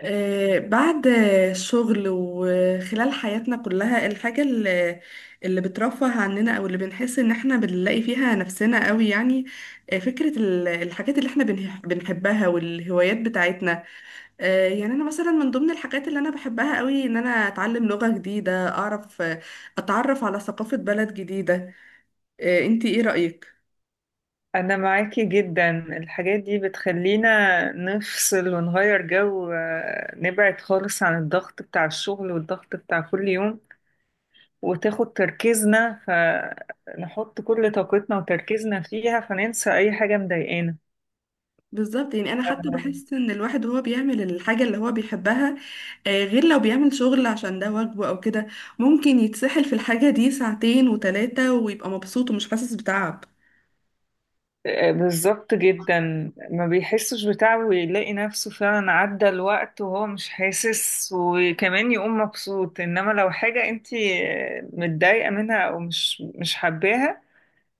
بعد الشغل وخلال حياتنا كلها الحاجة اللي بترفه عننا، أو اللي بنحس إن احنا بنلاقي فيها نفسنا قوي، يعني فكرة الحاجات اللي احنا بنحبها والهوايات بتاعتنا. يعني أنا مثلا من ضمن الحاجات اللي أنا بحبها قوي إن أنا أتعلم لغة جديدة، أعرف أتعرف على ثقافة بلد جديدة. أنتي إيه رأيك؟ أنا معاكي جدا. الحاجات دي بتخلينا نفصل ونغير جو، نبعد خالص عن الضغط بتاع الشغل والضغط بتاع كل يوم، وتاخد تركيزنا، فنحط كل طاقتنا وتركيزنا فيها فننسى أي حاجة مضايقانا. بالظبط. يعني انا حتى بحس ان الواحد وهو بيعمل الحاجه اللي هو بيحبها، غير لو بيعمل شغل عشان ده واجبه او كده، ممكن يتسحل في الحاجه دي ساعتين وثلاثه ويبقى مبسوط ومش حاسس بتعب. بالظبط جدا، ما بيحسش بتعب ويلاقي نفسه فعلا عدى الوقت وهو مش حاسس، وكمان يقوم مبسوط. إنما لو حاجة انتي متضايقة منها، أو مش حباها،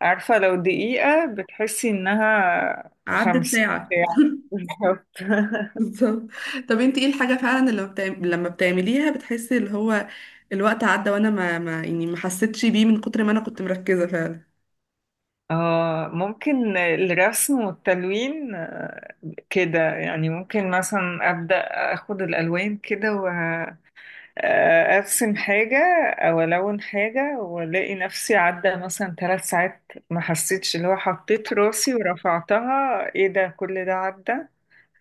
عارفة لو دقيقة بتحسي إنها عدت خمسين ساعه. ساعة بالظبط بالظبط. طب انت ايه الحاجه فعلا اللي لما لما بتعمليها بتحسي اللي هو الوقت عدى، وانا ما يعني ما حسيتش بيه من كتر ما انا كنت مركزه فعلا؟ اه، ممكن الرسم والتلوين، كده يعني. ممكن مثلا أبدأ أخد الألوان كده وأرسم حاجة، أو ألون حاجة وألاقي نفسي عدى مثلا 3 ساعات ما حسيتش، اللي هو حطيت راسي ورفعتها إيه ده، كل ده عدى،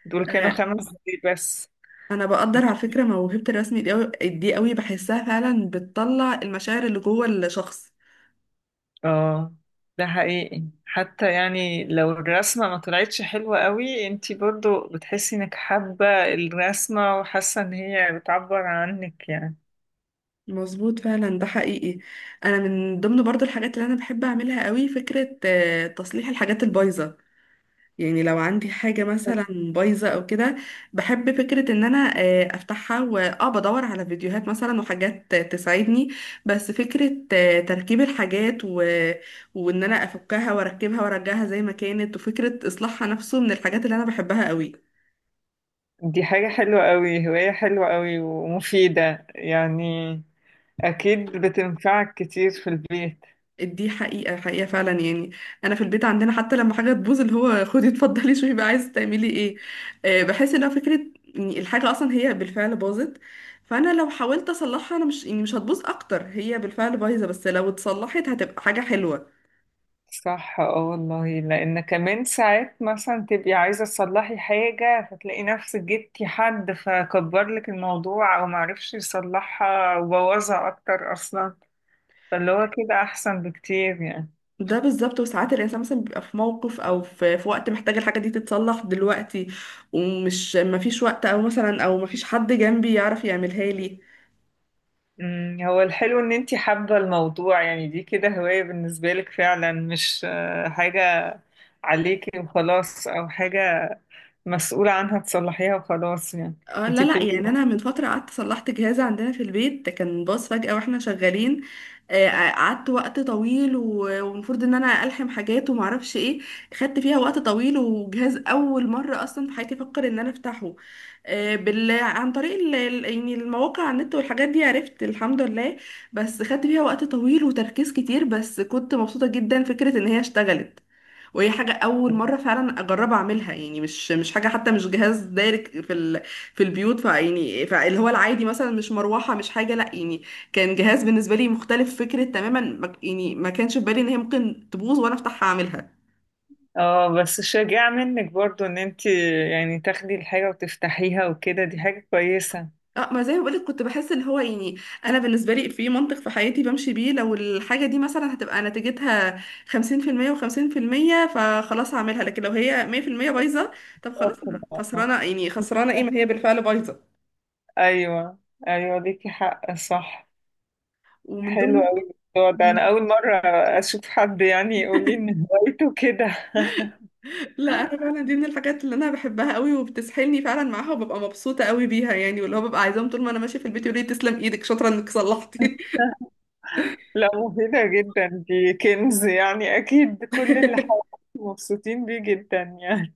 دول كانوا انا 5 دقايق بس. انا بقدر على فكره موهبه الرسم دي قوي، دي قوي بحسها فعلا بتطلع المشاعر اللي جوه الشخص. اه، ده حقيقي، حتى يعني لو الرسمة ما طلعتش حلوة قوي انتي برضو بتحسي انك حابة الرسمة، وحاسة ان هي بتعبر عنك يعني. مظبوط، فعلا ده حقيقي. انا من ضمن برضو الحاجات اللي انا بحب اعملها قوي فكرة تصليح الحاجات البايظة. يعني لو عندي حاجة مثلا بايظة او كده، بحب فكرة ان انا افتحها، واه بدور على فيديوهات مثلا وحاجات تساعدني. بس فكرة تركيب الحاجات وان انا افكها واركبها وارجعها زي ما كانت، وفكرة اصلاحها نفسه من الحاجات اللي انا بحبها قوي. دي حاجة حلوة قوي، هواية حلوة قوي ومفيدة يعني، اكيد بتنفعك كتير في البيت. دي حقيقة حقيقة فعلا، يعني. أنا في البيت عندنا حتى لما حاجة تبوظ اللي هو خدي اتفضلي شوفي بقى عايزة تعملي ايه. بحس إنها فكرة، يعني الحاجة أصلا هي بالفعل باظت، فأنا لو حاولت أصلحها، أنا مش يعني مش هتبوظ أكتر، هي بالفعل بايظة، بس لو اتصلحت هتبقى حاجة حلوة. صح، اه والله، لان كمان ساعات مثلا تبقي عايزة تصلحي حاجة، فتلاقي نفسك جبتي حد فكبر لك الموضوع، او معرفش يصلحها وبوظها اكتر اصلا، فاللي هو كده احسن بكتير يعني. ده بالظبط. وساعات الإنسان مثلا بيبقى في موقف أو في وقت محتاج الحاجة دي تتصلح دلوقتي، ومش مفيش وقت، أو مثلا أو مفيش حد جنبي يعرف يعملها لي. هو الحلو ان انتي حابة الموضوع يعني، دي كده هواية بالنسبة لك فعلا، مش حاجة عليكي وخلاص، او حاجة مسؤولة عنها تصلحيها وخلاص يعني. اه انتي لا لا، بتبقي يعني انا من فتره قعدت صلحت جهاز عندنا في البيت ده كان باظ فجاه واحنا شغالين. قعدت وقت طويل والمفروض ان انا الحم حاجات وما اعرفش ايه. خدت فيها وقت طويل، وجهاز اول مره اصلا في حياتي افكر ان انا افتحه. عن طريق يعني المواقع على النت والحاجات دي عرفت الحمد لله. بس خدت فيها وقت طويل وتركيز كتير، بس كنت مبسوطه جدا فكره ان هي اشتغلت. وهي حاجة أول مرة فعلا أجرب أعملها، يعني مش حاجة حتى، مش جهاز دايركت في في البيوت. فيعني فاللي هو العادي مثلا مش مروحة مش حاجة، لأ يعني كان جهاز بالنسبة لي مختلف فكرة تماما. ما... يعني ما كانش في بالي إن هي ممكن تبوظ وأنا أفتحها أعملها. اه، بس شجاع منك برضو ان انتي يعني تاخدي الحاجة وتفتحيها وكده، دي حاجة كويسة. اه، ما زي ما بقولك كنت بحس اللي هو يعني انا بالنسبه لي في منطق في حياتي بمشي بيه، لو الحاجه دي مثلا هتبقى نتيجتها 50% و50% فخلاص هعملها، لكن لو هي 100% بايظه طب خلاص. شاطرة، آه. خسرانه يعني؟ خسرانه ايه، ما هي بالفعل بايظه. ايوه، ايوه ليكي حق، صح. ومن حلو ضمن اوي الموضوع ده، انا مم. اول مرة اشوف حد يعني يقول لي ان هوايته كده لا، انا فعلا دي من الحاجات اللي انا بحبها قوي وبتسحلني فعلا معاها وببقى مبسوطه قوي بيها، يعني واللي هو ببقى عايزاهم طول ما انا ماشيه في البيت يقولوا لي تسلم ايدك شاطره انك صلحتي. لا، مفيدة جدا، دي كنز يعني، أكيد كل اللي حواليك مبسوطين بيه جدا يعني.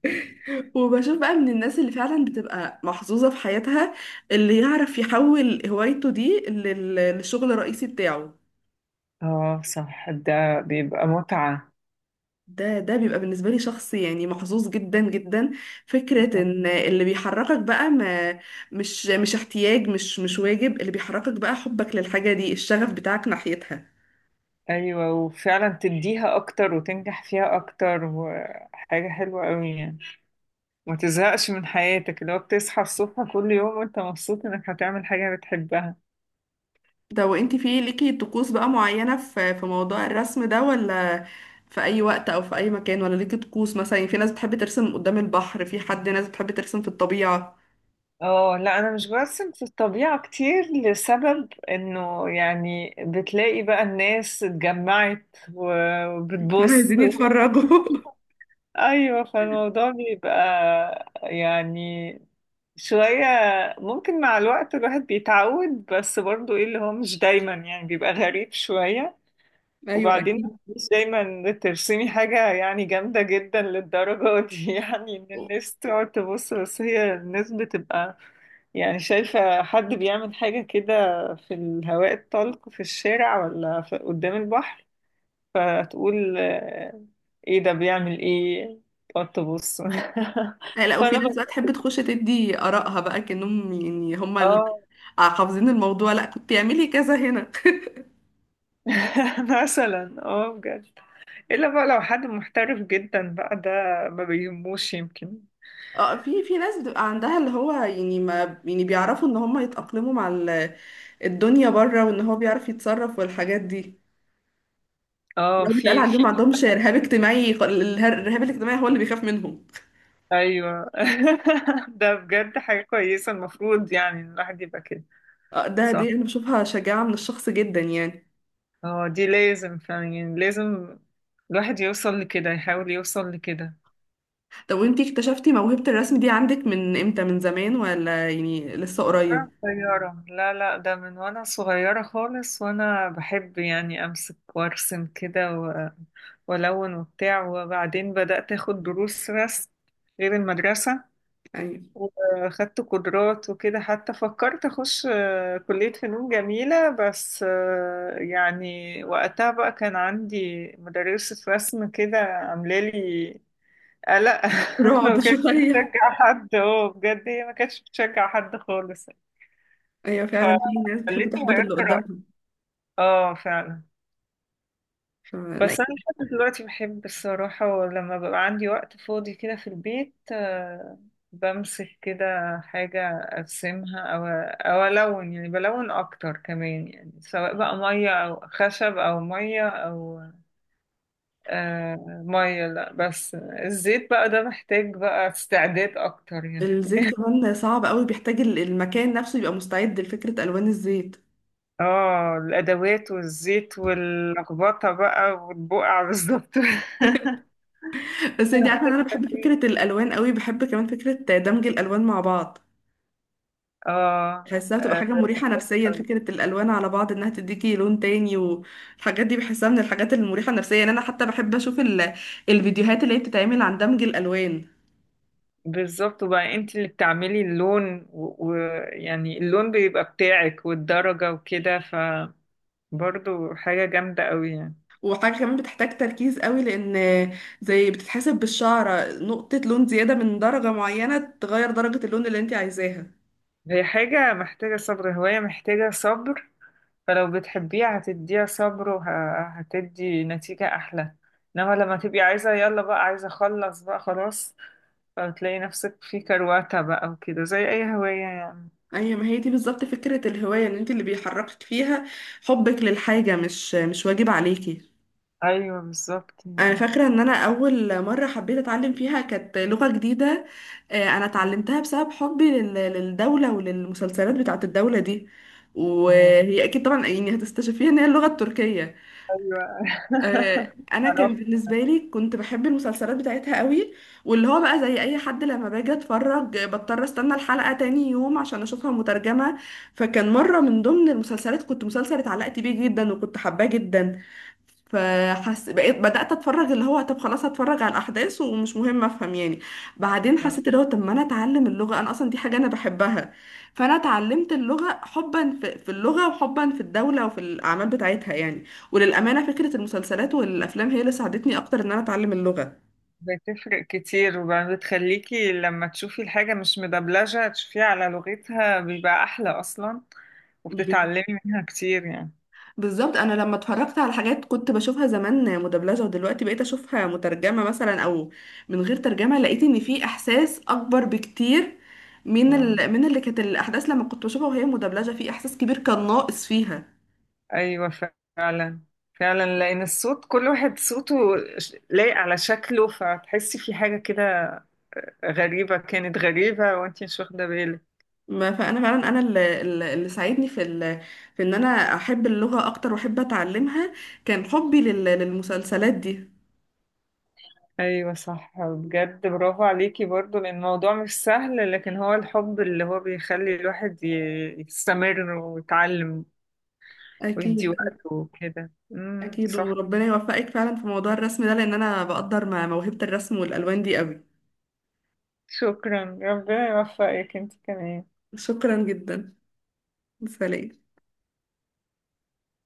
وبشوف بقى من الناس اللي فعلا بتبقى محظوظه في حياتها، اللي يعرف يحول هوايته دي للشغل الرئيسي بتاعه. اه صح، ده بيبقى متعة. ده بيبقى بالنسبه لي شخص يعني محظوظ جدا جدا. فكره ان اللي بيحركك بقى ما مش احتياج، مش واجب، اللي بيحركك بقى حبك للحاجه دي، الشغف بتاعك ناحيتها. أيوة، وفعلا تديها أكتر وتنجح فيها أكتر، وحاجة حلوة أوي يعني، ما تزهقش من حياتك لو بتصحى الصبح كل يوم وأنت مبسوط إنك هتعمل حاجة بتحبها. ده، وانت في ليكي طقوس بقى معينة في موضوع الرسم ده، ولا في اي وقت او في اي مكان؟ ولا ليكي طقوس مثلا؟ يعني في ناس بتحب ترسم قدام البحر، في حد ناس بتحب ترسم في الطبيعة. اه لا، انا مش برسم في الطبيعة كتير، لسبب انه يعني بتلاقي بقى الناس اتجمعت وبتبص. عايزين يتفرجوا. ايوه، فالموضوع بيبقى يعني شوية، ممكن مع الوقت الواحد بيتعود، بس برضو ايه اللي هو مش دايما يعني، بيبقى غريب شوية. ايوه وبعدين اكيد. مش دايما ترسمي حاجة يعني جامدة جدا للدرجة دي يعني ان الناس تقعد تبص، بس هي الناس بتبقى يعني شايفة حد بيعمل حاجة كده في الهواء الطلق في الشارع، ولا قدام البحر، فتقول ايه ده، بيعمل ايه، تقعد تبص لا لا، وفي فانا ناس بقى بقى تحب تخش تدي آرائها بقى كأنهم، يعني هما اللي اه حافظين الموضوع. لا كنت تعملي كذا هنا. مثلا اه بجد. الا بقى لو حد محترف جدا بقى، ده ما بيهموش يمكن. اه، في ناس بتبقى عندها اللي هو يعني، ما يعني بيعرفوا ان هم يتأقلموا مع الدنيا بره، وان هو بيعرف يتصرف والحاجات دي. اه، لو بيتقال في في عندهم ما عندهمش رهاب اجتماعي. الرهاب الاجتماعي هو اللي بيخاف منهم. ايوه ده بجد حاجة كويسة، المفروض يعني إن الواحد يبقى كده. آه، ده صح، دي انا بشوفها شجاعة من الشخص جدا، يعني. اه دي لازم فعلا، يعني لازم الواحد يوصل لكده، يحاول يوصل لكده. طب وانتي اكتشفتي موهبة الرسم دي عندك من امتى؟ من زمان ولا يعني لسه قريب؟ أنا صغيرة، لا لا، ده من وأنا صغيرة خالص، وأنا بحب يعني أمسك وأرسم كده و... وألون وبتاع، وبعدين بدأت أخد دروس رسم غير المدرسة، ايوه وأخدت قدرات وكده، حتى فكرت أخش كلية فنون جميلة، بس يعني وقتها بقى كان عندي مدرسة رسم كده عاملة لي قلق ما رعب كانتش شوية. بتشجع حد. اه بجد، هي ما كانتش بتشجع حد خالص، ايوه فعلا، في ناس بتحب فخلتني تحبط غيرت اللي رأيي. قدامها. اه فعلا. فلا. بس انا لحد دلوقتي بحب الصراحة، لما ببقى عندي وقت فاضي كده في البيت، بمسك كده حاجة ارسمها، او الون، يعني بلون اكتر كمان يعني، سواء بقى مية او خشب او مية او آه مية، لا بس الزيت بقى ده محتاج بقى استعداد اكتر يعني. الزيت كمان صعب قوي، بيحتاج المكان نفسه يبقى مستعد لفكرة الوان الزيت. اه الادوات والزيت واللخبطة بقى والبقع بالظبط بس انتي عارفة ان انا بحب فكرة الالوان قوي، بحب كمان فكرة دمج الالوان مع بعض. اه، بحسها بتبقى حاجة آه، مريحة نفسيا، فكرة الألوان على بعض إنها تديكي لون تاني، والحاجات دي بحسها من الحاجات المريحة نفسيا، يعني أنا حتى بحب أشوف الفيديوهات اللي هي بتتعمل عن دمج الألوان. بالظبط، وبقى انت اللي بتعملي اللون، ويعني اللون بيبقى بتاعك والدرجة وكده، فبرضو حاجة جامدة قوي يعني. وحاجة كمان بتحتاج تركيز قوي، لأن زي بتتحسب بالشعرة، نقطة لون زيادة من درجة معينة تغير درجة اللون اللي انت عايزاها. هي حاجة محتاجة صبر، هواية محتاجة صبر، فلو بتحبيها هتديها صبر وهتدي نتيجة أحلى، إنما لما تبقي عايزة يلا بقى، عايزة أخلص بقى خلاص، فتلاقي نفسك في كرواتة بقى وكده زي أي هواية يعني. أيوة، ما هي دي بالظبط فكرة الهواية، إن انت اللي بيحركك فيها حبك للحاجة، مش واجب عليكي. أيوه بالظبط انا يعني. فاكره ان انا اول مره حبيت اتعلم فيها كانت لغه جديده. انا اتعلمتها بسبب حبي للدوله وللمسلسلات بتاعه الدوله دي، اه وهي اكيد طبعا يعني هتستشفيها ان هي اللغه التركيه. أيوه انا كان عرفت. بالنسبه لي كنت بحب المسلسلات بتاعتها قوي، واللي هو بقى زي اي حد لما باجي اتفرج بضطر استنى الحلقه تاني يوم عشان اشوفها مترجمه. فكان مره من ضمن المسلسلات، كنت مسلسل اتعلقت بيه جدا وكنت حباه جدا، فحس بقيت بدأت اتفرج اللي هو طب خلاص هتفرج على الاحداث ومش مهم افهم، يعني. بعدين حسيت اللي هو طب، ما انا اتعلم اللغة، انا اصلا دي حاجة انا بحبها. فانا اتعلمت اللغة حبا في اللغة، وحبا في الدولة، وفي الاعمال بتاعتها، يعني. وللأمانة فكرة المسلسلات والافلام هي اللي ساعدتني اكتر ان انا اتعلم اللغة. بتفرق كتير، وبتخليكي لما تشوفي الحاجة مش مدبلجة تشوفيها على لغتها بيبقى أحلى أصلا، وبتتعلمي منها كتير يعني. بالظبط. انا لما اتفرجت على حاجات كنت بشوفها زمان مدبلجه، ودلوقتي بقيت اشوفها مترجمه مثلا او من غير ترجمه، لقيت ان في احساس اكبر بكتير من آه، من اللي كانت الاحداث لما كنت بشوفها وهي مدبلجه، في احساس كبير كان ناقص فيها. أيوة، فعلا. فعلا، لأن الصوت كل واحد صوته لايق على شكله، فتحسي في حاجة كده غريبة، كانت غريبة وانتي مش واخدة بالك. ما فانا فعلا انا اللي ساعدني في في ان انا احب اللغه اكتر واحب اتعلمها، كان حبي للمسلسلات دي. أيوة صح، بجد برافو عليكي برضو، لأن الموضوع مش سهل، لكن هو الحب اللي هو بيخلي الواحد يستمر ويتعلم، ويدي اكيد. وقته وكده. امم، اكيد، صح. وربنا يوفقك فعلا في موضوع الرسم ده لان انا بقدر موهبه الرسم والالوان دي قوي. شكرا، ربنا يوفقك انت كمان. شكرا جدا. سلام.